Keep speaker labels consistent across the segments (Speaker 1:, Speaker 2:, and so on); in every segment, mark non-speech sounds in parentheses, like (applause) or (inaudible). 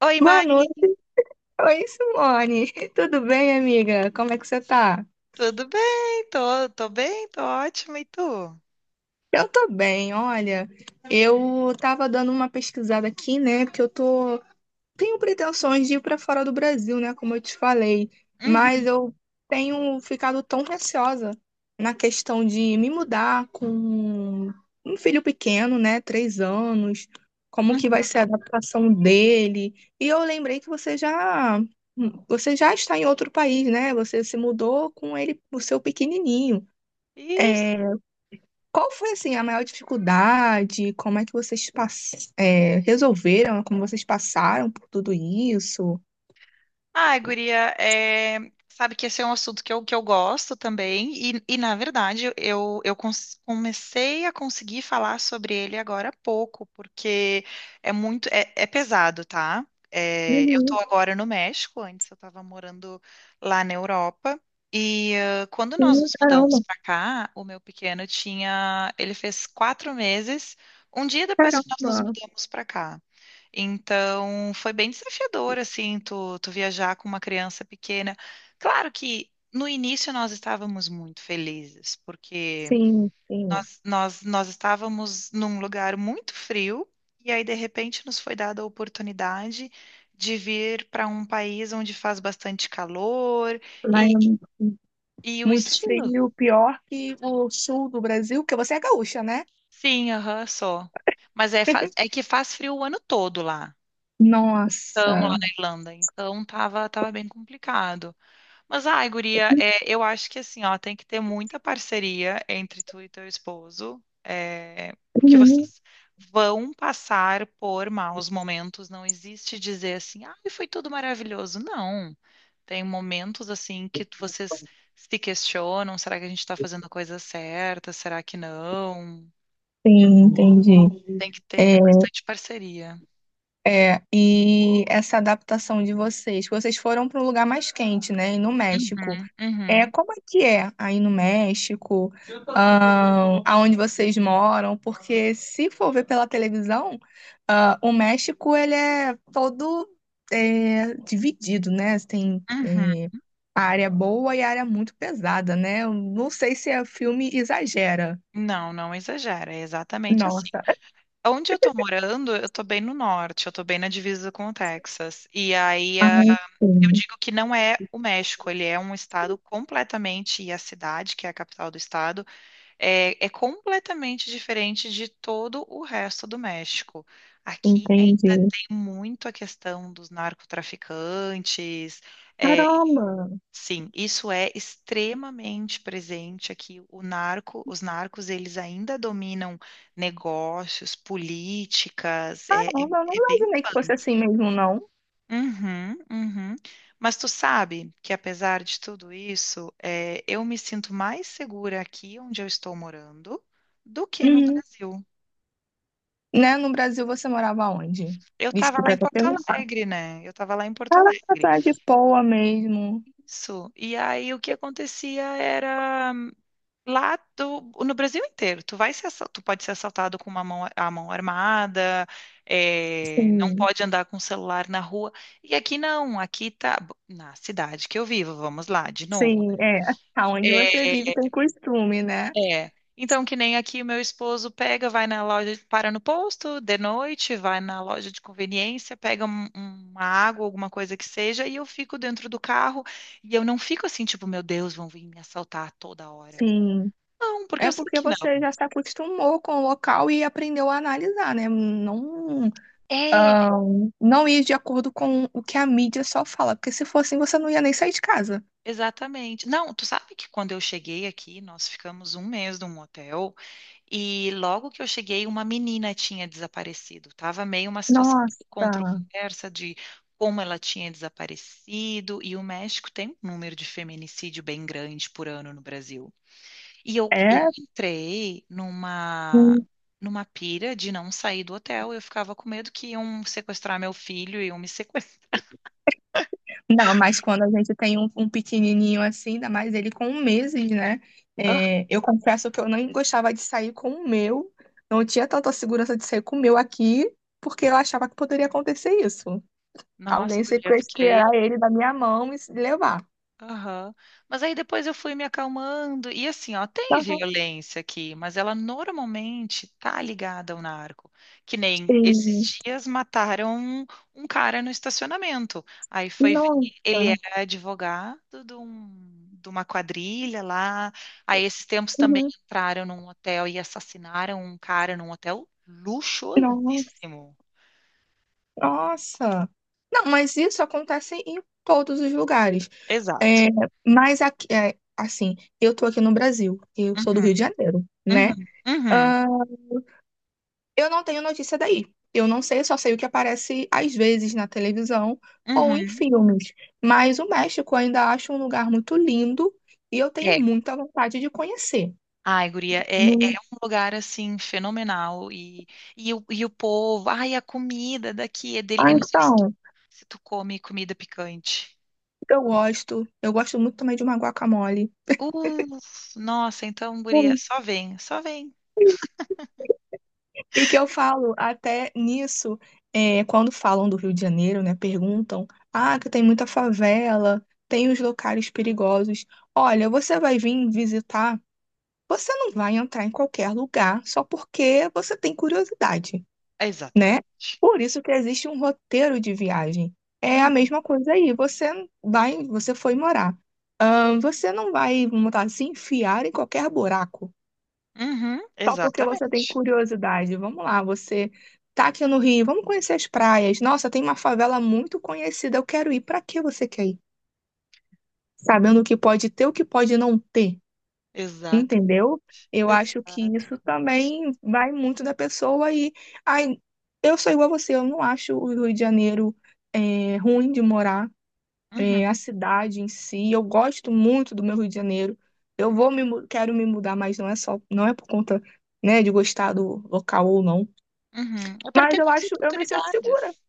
Speaker 1: Oi,
Speaker 2: Boa
Speaker 1: Mari,
Speaker 2: noite. Oi, Simone. (laughs) Tudo bem, amiga? Como é que você tá?
Speaker 1: tudo bem? Tô bem, tô ótima, e tu?
Speaker 2: Eu tô bem, olha. Eu tava dando uma pesquisada aqui, né? Porque eu tô tenho pretensões de ir para fora do Brasil, né, como eu te falei, mas
Speaker 1: Uhum.
Speaker 2: eu tenho ficado tão receosa na questão de me mudar com um filho pequeno, né, 3 anos, como que vai ser a adaptação dele. E eu lembrei que você já está em outro país, né? Você se mudou com ele, o seu pequenininho.
Speaker 1: Isso.
Speaker 2: É, qual foi assim a maior dificuldade? Como é que vocês resolveram? Como vocês passaram por tudo isso?
Speaker 1: Ah, guria, sabe que esse é um assunto que eu gosto também, na verdade comecei a conseguir falar sobre ele agora há pouco, porque é muito, é pesado, tá? Eu tô
Speaker 2: Uhum.
Speaker 1: agora no México, antes eu tava morando lá na Europa, e quando nós
Speaker 2: Sim,
Speaker 1: nos mudamos
Speaker 2: caramba,
Speaker 1: pra cá, o meu pequeno tinha, ele fez 4 meses, um dia depois que nós nos
Speaker 2: caramba.
Speaker 1: mudamos pra cá. Então, foi bem desafiador, assim, tu viajar com uma criança pequena. Claro que no início nós estávamos muito felizes, porque
Speaker 2: Sim, sim.
Speaker 1: nós estávamos num lugar muito frio, e aí, de repente, nos foi dada a oportunidade de vir para um país onde faz bastante calor
Speaker 2: Lá é
Speaker 1: e, e o
Speaker 2: muito
Speaker 1: estilo.
Speaker 2: frio, pior que o sul do Brasil, porque você é gaúcha, né?
Speaker 1: Sim, aham, só. Mas é que faz frio o ano todo lá. Então, lá
Speaker 2: Nossa.
Speaker 1: na Irlanda. Então, tava bem complicado. Mas, ai, guria, eu acho que assim, ó, tem que ter muita parceria entre tu e teu esposo, porque
Speaker 2: Uhum.
Speaker 1: vocês vão passar por maus momentos. Não existe dizer assim, ai, foi tudo maravilhoso. Não. Tem momentos assim que vocês se questionam, será que a gente tá fazendo a coisa certa? Será que não?
Speaker 2: Sim, entendi.
Speaker 1: Tem que ter
Speaker 2: É,
Speaker 1: bastante parceria.
Speaker 2: e essa adaptação de vocês, que vocês foram para um lugar mais quente, né, e no México.
Speaker 1: Uhum,
Speaker 2: É,
Speaker 1: uhum,
Speaker 2: como é que é aí no México, aonde vocês moram? Porque se for ver pela televisão, ah, o México ele é todo é, dividido, né? Tem
Speaker 1: uhum.
Speaker 2: área boa e área muito pesada, né? Eu não sei se o filme exagera.
Speaker 1: Não, não exagera, é exatamente assim.
Speaker 2: Nossa.
Speaker 1: Onde eu tô morando, eu tô bem no norte, eu tô bem na divisa com o Texas. E aí,
Speaker 2: Ah,
Speaker 1: eu
Speaker 2: sim,
Speaker 1: digo que não é o México, ele é um estado completamente, e a cidade, que é a capital do estado, é completamente diferente de todo o resto do México. Aqui ainda
Speaker 2: entendi.
Speaker 1: tem muito a questão dos narcotraficantes, eh,
Speaker 2: Caramba!
Speaker 1: sim, isso é extremamente presente aqui. O narco, os narcos, eles ainda dominam negócios, políticas,
Speaker 2: Não, eu não
Speaker 1: é bem
Speaker 2: imaginei que fosse
Speaker 1: punk.
Speaker 2: assim mesmo, não.
Speaker 1: Uhum, uhum. Mas tu sabe que apesar de tudo isso, eu me sinto mais segura aqui onde eu estou morando do que no
Speaker 2: Uhum.
Speaker 1: Brasil.
Speaker 2: Né? No Brasil você morava onde?
Speaker 1: Eu estava lá
Speaker 2: Desculpa
Speaker 1: em
Speaker 2: até
Speaker 1: Porto
Speaker 2: perguntar.
Speaker 1: Alegre, né? Eu estava lá em Porto
Speaker 2: Ela
Speaker 1: Alegre.
Speaker 2: na de Poa mesmo.
Speaker 1: Isso. E aí o que acontecia era, no Brasil inteiro, tu vai ser, tu pode ser assaltado com uma mão, a mão armada, não
Speaker 2: Sim,
Speaker 1: pode andar com o celular na rua. E aqui não, aqui na cidade que eu vivo, vamos lá, de novo,
Speaker 2: sim,
Speaker 1: né?
Speaker 2: é. Aonde você vive tem costume, né?
Speaker 1: É, é. Então, que nem aqui o meu esposo pega, vai na loja, para no posto de noite, vai na loja de conveniência, pega uma água, alguma coisa que seja, e eu fico dentro do carro e eu não fico assim, tipo, meu Deus, vão vir me assaltar toda hora.
Speaker 2: Sim.
Speaker 1: Não, porque
Speaker 2: É
Speaker 1: eu sei
Speaker 2: porque
Speaker 1: que
Speaker 2: você
Speaker 1: não.
Speaker 2: já se acostumou com o local e aprendeu a analisar, né? Não,
Speaker 1: É,
Speaker 2: ah, não ir de acordo com o que a mídia só fala, porque se fosse assim, você não ia nem sair de casa.
Speaker 1: exatamente. Não, tu sabe que quando eu cheguei aqui, nós ficamos um mês num hotel e logo que eu cheguei, uma menina tinha desaparecido. Tava meio uma situação
Speaker 2: Nossa,
Speaker 1: controversa de como ela tinha desaparecido e o México tem um número de feminicídio bem grande por ano no Brasil. E eu
Speaker 2: é.
Speaker 1: entrei numa numa pira de não sair do hotel. Eu ficava com medo que iam sequestrar meu filho e iam me sequestrar.
Speaker 2: Não, mas quando a gente tem um pequenininho assim, ainda mais ele com meses, né? É, eu
Speaker 1: (laughs)
Speaker 2: confesso que eu não gostava de sair com o meu, não tinha tanta segurança de sair com o meu aqui, porque eu achava que poderia acontecer isso.
Speaker 1: Nossa,
Speaker 2: Alguém
Speaker 1: guria, eu fiquei.
Speaker 2: sequestrar ele da minha mão e se levar.
Speaker 1: Aham. Mas aí depois eu fui me acalmando. E assim, ó, tem
Speaker 2: Ah,
Speaker 1: violência aqui, mas ela normalmente tá ligada ao narco. Que nem
Speaker 2: sim.
Speaker 1: esses dias mataram um cara no estacionamento. Aí foi ver, ele
Speaker 2: Nossa.
Speaker 1: era advogado de uma quadrilha lá. Aí esses tempos também
Speaker 2: Uhum.
Speaker 1: entraram num hotel e assassinaram um cara num hotel
Speaker 2: Nossa,
Speaker 1: luxuosíssimo.
Speaker 2: nossa. Não, mas isso acontece em todos os lugares.
Speaker 1: Exato.
Speaker 2: É, mas aqui, é, assim, eu tô aqui no Brasil, eu sou do
Speaker 1: Uhum,
Speaker 2: Rio de Janeiro, né?
Speaker 1: uhum, uhum,
Speaker 2: Ah, eu não tenho notícia daí. Eu não sei, eu só sei o que aparece às vezes na televisão ou em
Speaker 1: uhum.
Speaker 2: filmes. Mas o México eu ainda acho um lugar muito lindo e eu tenho
Speaker 1: É,
Speaker 2: muita vontade de conhecer.
Speaker 1: ai, guria, é
Speaker 2: Hum,
Speaker 1: um lugar, assim, fenomenal, e o povo, ai, a comida daqui é dele,
Speaker 2: Ah,
Speaker 1: eu não sei se tu,
Speaker 2: então,
Speaker 1: se tu come comida picante.
Speaker 2: eu gosto. Eu gosto muito também de uma guacamole.
Speaker 1: Uh, nossa, então, guria,
Speaker 2: Hum.
Speaker 1: só vem, só vem.
Speaker 2: E que eu falo até nisso, é, quando falam do Rio de Janeiro, né? Perguntam, ah, que tem muita favela, tem os locais perigosos. Olha, você vai vir visitar. Você não vai entrar em qualquer lugar só porque você tem curiosidade, né?
Speaker 1: Exatamente.
Speaker 2: Por isso que existe um roteiro de viagem. É a
Speaker 1: Hum,
Speaker 2: mesma coisa aí. Você vai, você foi morar. Você não vai, vamos botar, se enfiar em qualquer buraco
Speaker 1: Uhum,
Speaker 2: só porque você tem
Speaker 1: exatamente.
Speaker 2: curiosidade. Vamos lá, você tá aqui no Rio, vamos conhecer as praias. Nossa, tem uma favela muito conhecida, eu quero ir. Para que você quer ir? Sabendo o que pode ter, o que pode não ter.
Speaker 1: Exato,
Speaker 2: Entendeu? Eu acho que isso
Speaker 1: exatamente.
Speaker 2: também vai muito da pessoa e ai, eu sou igual a você, eu não acho o Rio de Janeiro é, ruim de morar,
Speaker 1: Uhum,
Speaker 2: é, a cidade em si, eu gosto muito do meu Rio de Janeiro. Eu vou me mu- quero me mudar, mas não é só, não é por conta, né, de gostar do local ou não.
Speaker 1: uhum. É para ter
Speaker 2: Mas eu
Speaker 1: mais
Speaker 2: acho, eu me sinto segura,
Speaker 1: oportunidades.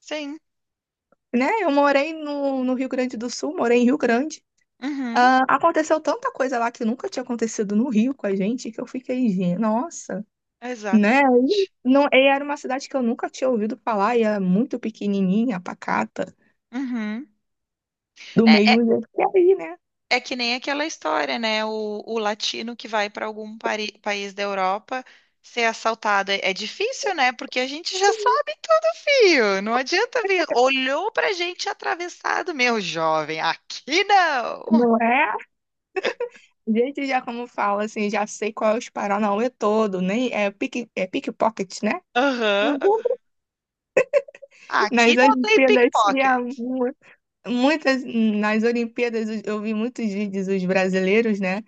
Speaker 1: Sim.
Speaker 2: né? Eu morei no Rio Grande do Sul, morei em Rio Grande.
Speaker 1: Uhum,
Speaker 2: Ah, aconteceu tanta coisa lá que nunca tinha acontecido no Rio com a gente que eu fiquei, nossa." Né? E
Speaker 1: exatamente.
Speaker 2: não, e era uma cidade que eu nunca tinha ouvido falar, e era muito pequenininha, pacata,
Speaker 1: Uhum.
Speaker 2: do
Speaker 1: É,
Speaker 2: mesmo jeito que é aí, né?
Speaker 1: é que nem aquela história, né? O latino que vai para algum país da Europa ser assaltado. É difícil, né? Porque a gente já
Speaker 2: Sim,
Speaker 1: sabe tudo, fio. Não adianta vir. Olhou pra gente atravessado, meu jovem. Aqui não.
Speaker 2: não é? Gente já como fala, assim, já sei qual é os Paranauê todo, nem é pique, é pickpocket, né?
Speaker 1: Aham.
Speaker 2: Não vou- (laughs)
Speaker 1: Aqui
Speaker 2: Nas
Speaker 1: não tem
Speaker 2: Olimpíadas tinha
Speaker 1: pickpocket.
Speaker 2: mu- muitas, nas Olimpíadas eu vi muitos vídeos dos brasileiros, né,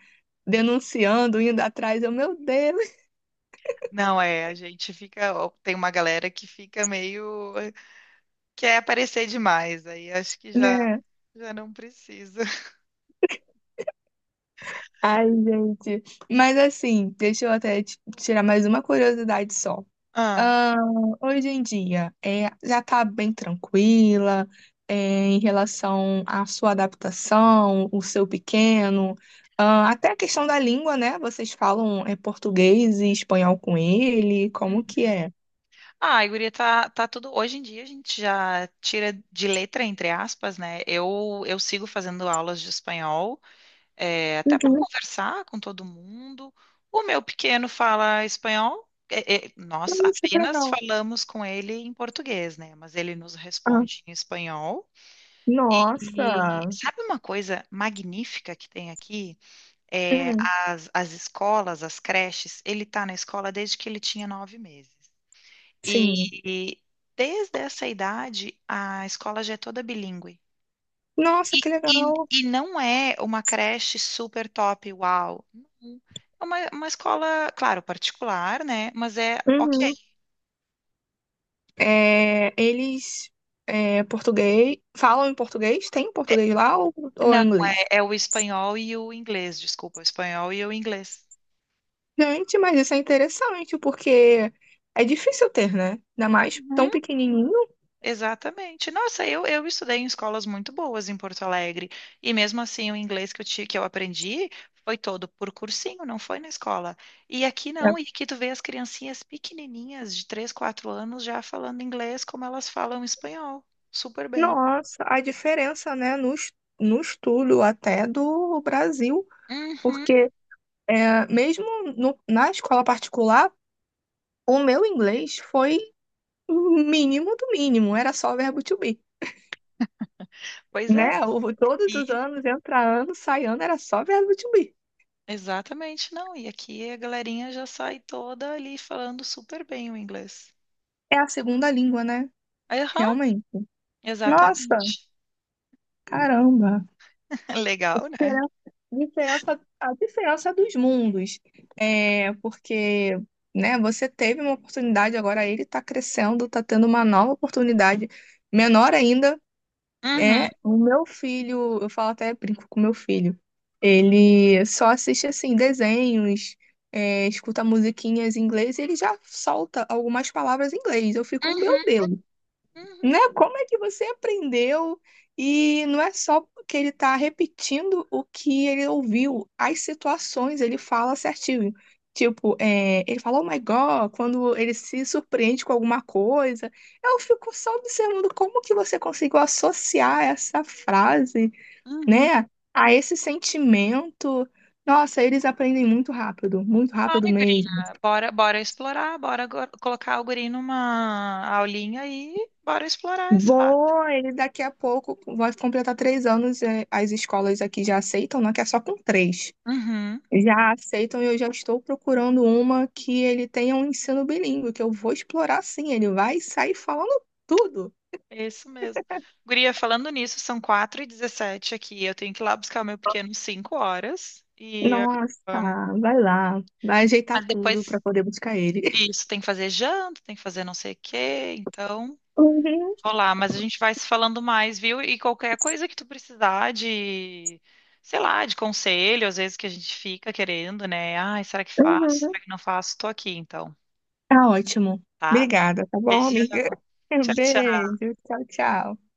Speaker 2: denunciando, indo atrás, eu, meu Deus,
Speaker 1: Não é, a gente fica. Ó, tem uma galera que fica meio. Quer aparecer demais. Aí acho que
Speaker 2: (laughs)
Speaker 1: já,
Speaker 2: né?
Speaker 1: já não precisa. (laughs)
Speaker 2: Ai, gente. Mas assim, deixa eu até tirar mais uma curiosidade só.
Speaker 1: Ah.
Speaker 2: Ah, hoje em dia é, já está bem tranquila é, em relação à sua adaptação, o seu pequeno, ah, até a questão da língua, né? Vocês falam é, português e espanhol com ele, como que é?
Speaker 1: Ah, a guria tá tudo. Hoje em dia a gente já tira de letra, entre aspas, né? Eu sigo fazendo aulas de espanhol, até para
Speaker 2: Uhum.
Speaker 1: conversar com todo mundo. O meu pequeno fala espanhol, nós
Speaker 2: Nossa, que
Speaker 1: apenas
Speaker 2: legal.
Speaker 1: falamos com ele em português, né? Mas ele nos
Speaker 2: Ah,
Speaker 1: responde em espanhol.
Speaker 2: nossa.
Speaker 1: E sabe uma coisa magnífica que tem aqui?
Speaker 2: Uhum,
Speaker 1: As, as escolas, as creches, ele tá na escola desde que ele tinha 9 meses. E,
Speaker 2: sim.
Speaker 1: e desde essa idade, a escola já é toda bilíngue.
Speaker 2: Nossa, que
Speaker 1: E, e,
Speaker 2: legal.
Speaker 1: e não é uma creche super top, uau. Não. É uma escola, claro, particular, né? Mas é ok.
Speaker 2: Uhum. É, eles é, português, falam em português? Tem
Speaker 1: É-
Speaker 2: português lá ou
Speaker 1: não,
Speaker 2: em inglês?
Speaker 1: é o espanhol e o inglês, desculpa, o espanhol e o inglês.
Speaker 2: Gente, mas isso é interessante, porque é difícil ter, né? Ainda mais tão pequenininho.
Speaker 1: Exatamente. Nossa, eu estudei em escolas muito boas em Porto Alegre. E mesmo assim, o inglês que eu aprendi foi todo por cursinho, não foi na escola. E aqui
Speaker 2: É.
Speaker 1: não, e aqui tu vê as criancinhas pequenininhas de 3 4 anos já falando inglês como elas falam espanhol. Super bem.
Speaker 2: Nossa, a diferença, né, no estudo até do Brasil,
Speaker 1: Uhum.
Speaker 2: porque é, mesmo na escola particular, o meu inglês foi o mínimo do mínimo, era só verbo to be,
Speaker 1: Pois é.
Speaker 2: né? Todos os
Speaker 1: E,
Speaker 2: anos, entra ano, sai ano, era só verbo to be.
Speaker 1: exatamente, não. E aqui a galerinha já sai toda ali falando super bem o inglês.
Speaker 2: É a segunda língua, né?
Speaker 1: Aham,
Speaker 2: Realmente. Nossa,
Speaker 1: exatamente.
Speaker 2: caramba.
Speaker 1: (laughs) Legal, né?
Speaker 2: Diferença, a diferença dos mundos. É, porque, né, você teve uma oportunidade, agora ele está crescendo, está tendo uma nova oportunidade. Menor ainda
Speaker 1: Uhum,
Speaker 2: é o meu filho, eu falo até brinco com meu filho. Ele só assiste assim desenhos, é, escuta musiquinhas em inglês e ele já solta algumas palavras em inglês. Eu fico, meu
Speaker 1: uhum,
Speaker 2: Deus,
Speaker 1: uhum,
Speaker 2: né? Como é que você aprendeu? E não é só que ele está repetindo o que ele ouviu, as situações ele fala certinho. Tipo, é, ele fala, oh my God, quando ele se surpreende com alguma coisa. Eu fico só observando como que você conseguiu associar essa frase,
Speaker 1: uhum.
Speaker 2: né, a esse sentimento. Nossa, eles aprendem muito rápido
Speaker 1: Ai,
Speaker 2: mesmo.
Speaker 1: guria, bora explorar, colocar o guri numa aulinha e bora explorar esse lado.
Speaker 2: Vou, ele daqui a pouco vai completar 3 anos. As escolas aqui já aceitam, não é que é só com três.
Speaker 1: Uhum,
Speaker 2: Já aceitam e eu já estou procurando uma que ele tenha um ensino bilíngue, que eu vou explorar sim. Ele vai sair falando tudo.
Speaker 1: é isso mesmo. Guria, falando nisso, são 4:17 aqui, eu tenho que ir lá buscar o meu pequeno 5 horas, e,
Speaker 2: Nossa, vai lá, vai ajeitar
Speaker 1: mas
Speaker 2: tudo para
Speaker 1: depois,
Speaker 2: poder buscar ele. (laughs)
Speaker 1: isso, tem que fazer janta, tem que fazer não sei o quê, então...
Speaker 2: Uhum,
Speaker 1: Olá, mas a gente vai se falando mais, viu? E qualquer coisa que tu precisar de, sei lá, de conselho, às vezes que a gente fica querendo, né? Ai, será que faço?
Speaker 2: uhum.
Speaker 1: Será que não faço? Tô aqui, então,
Speaker 2: Tá ótimo.
Speaker 1: tá?
Speaker 2: Obrigada, tá bom,
Speaker 1: Beijão.
Speaker 2: amiga? (laughs)
Speaker 1: Tchau, tchau.
Speaker 2: Beijo, tchau, tchau.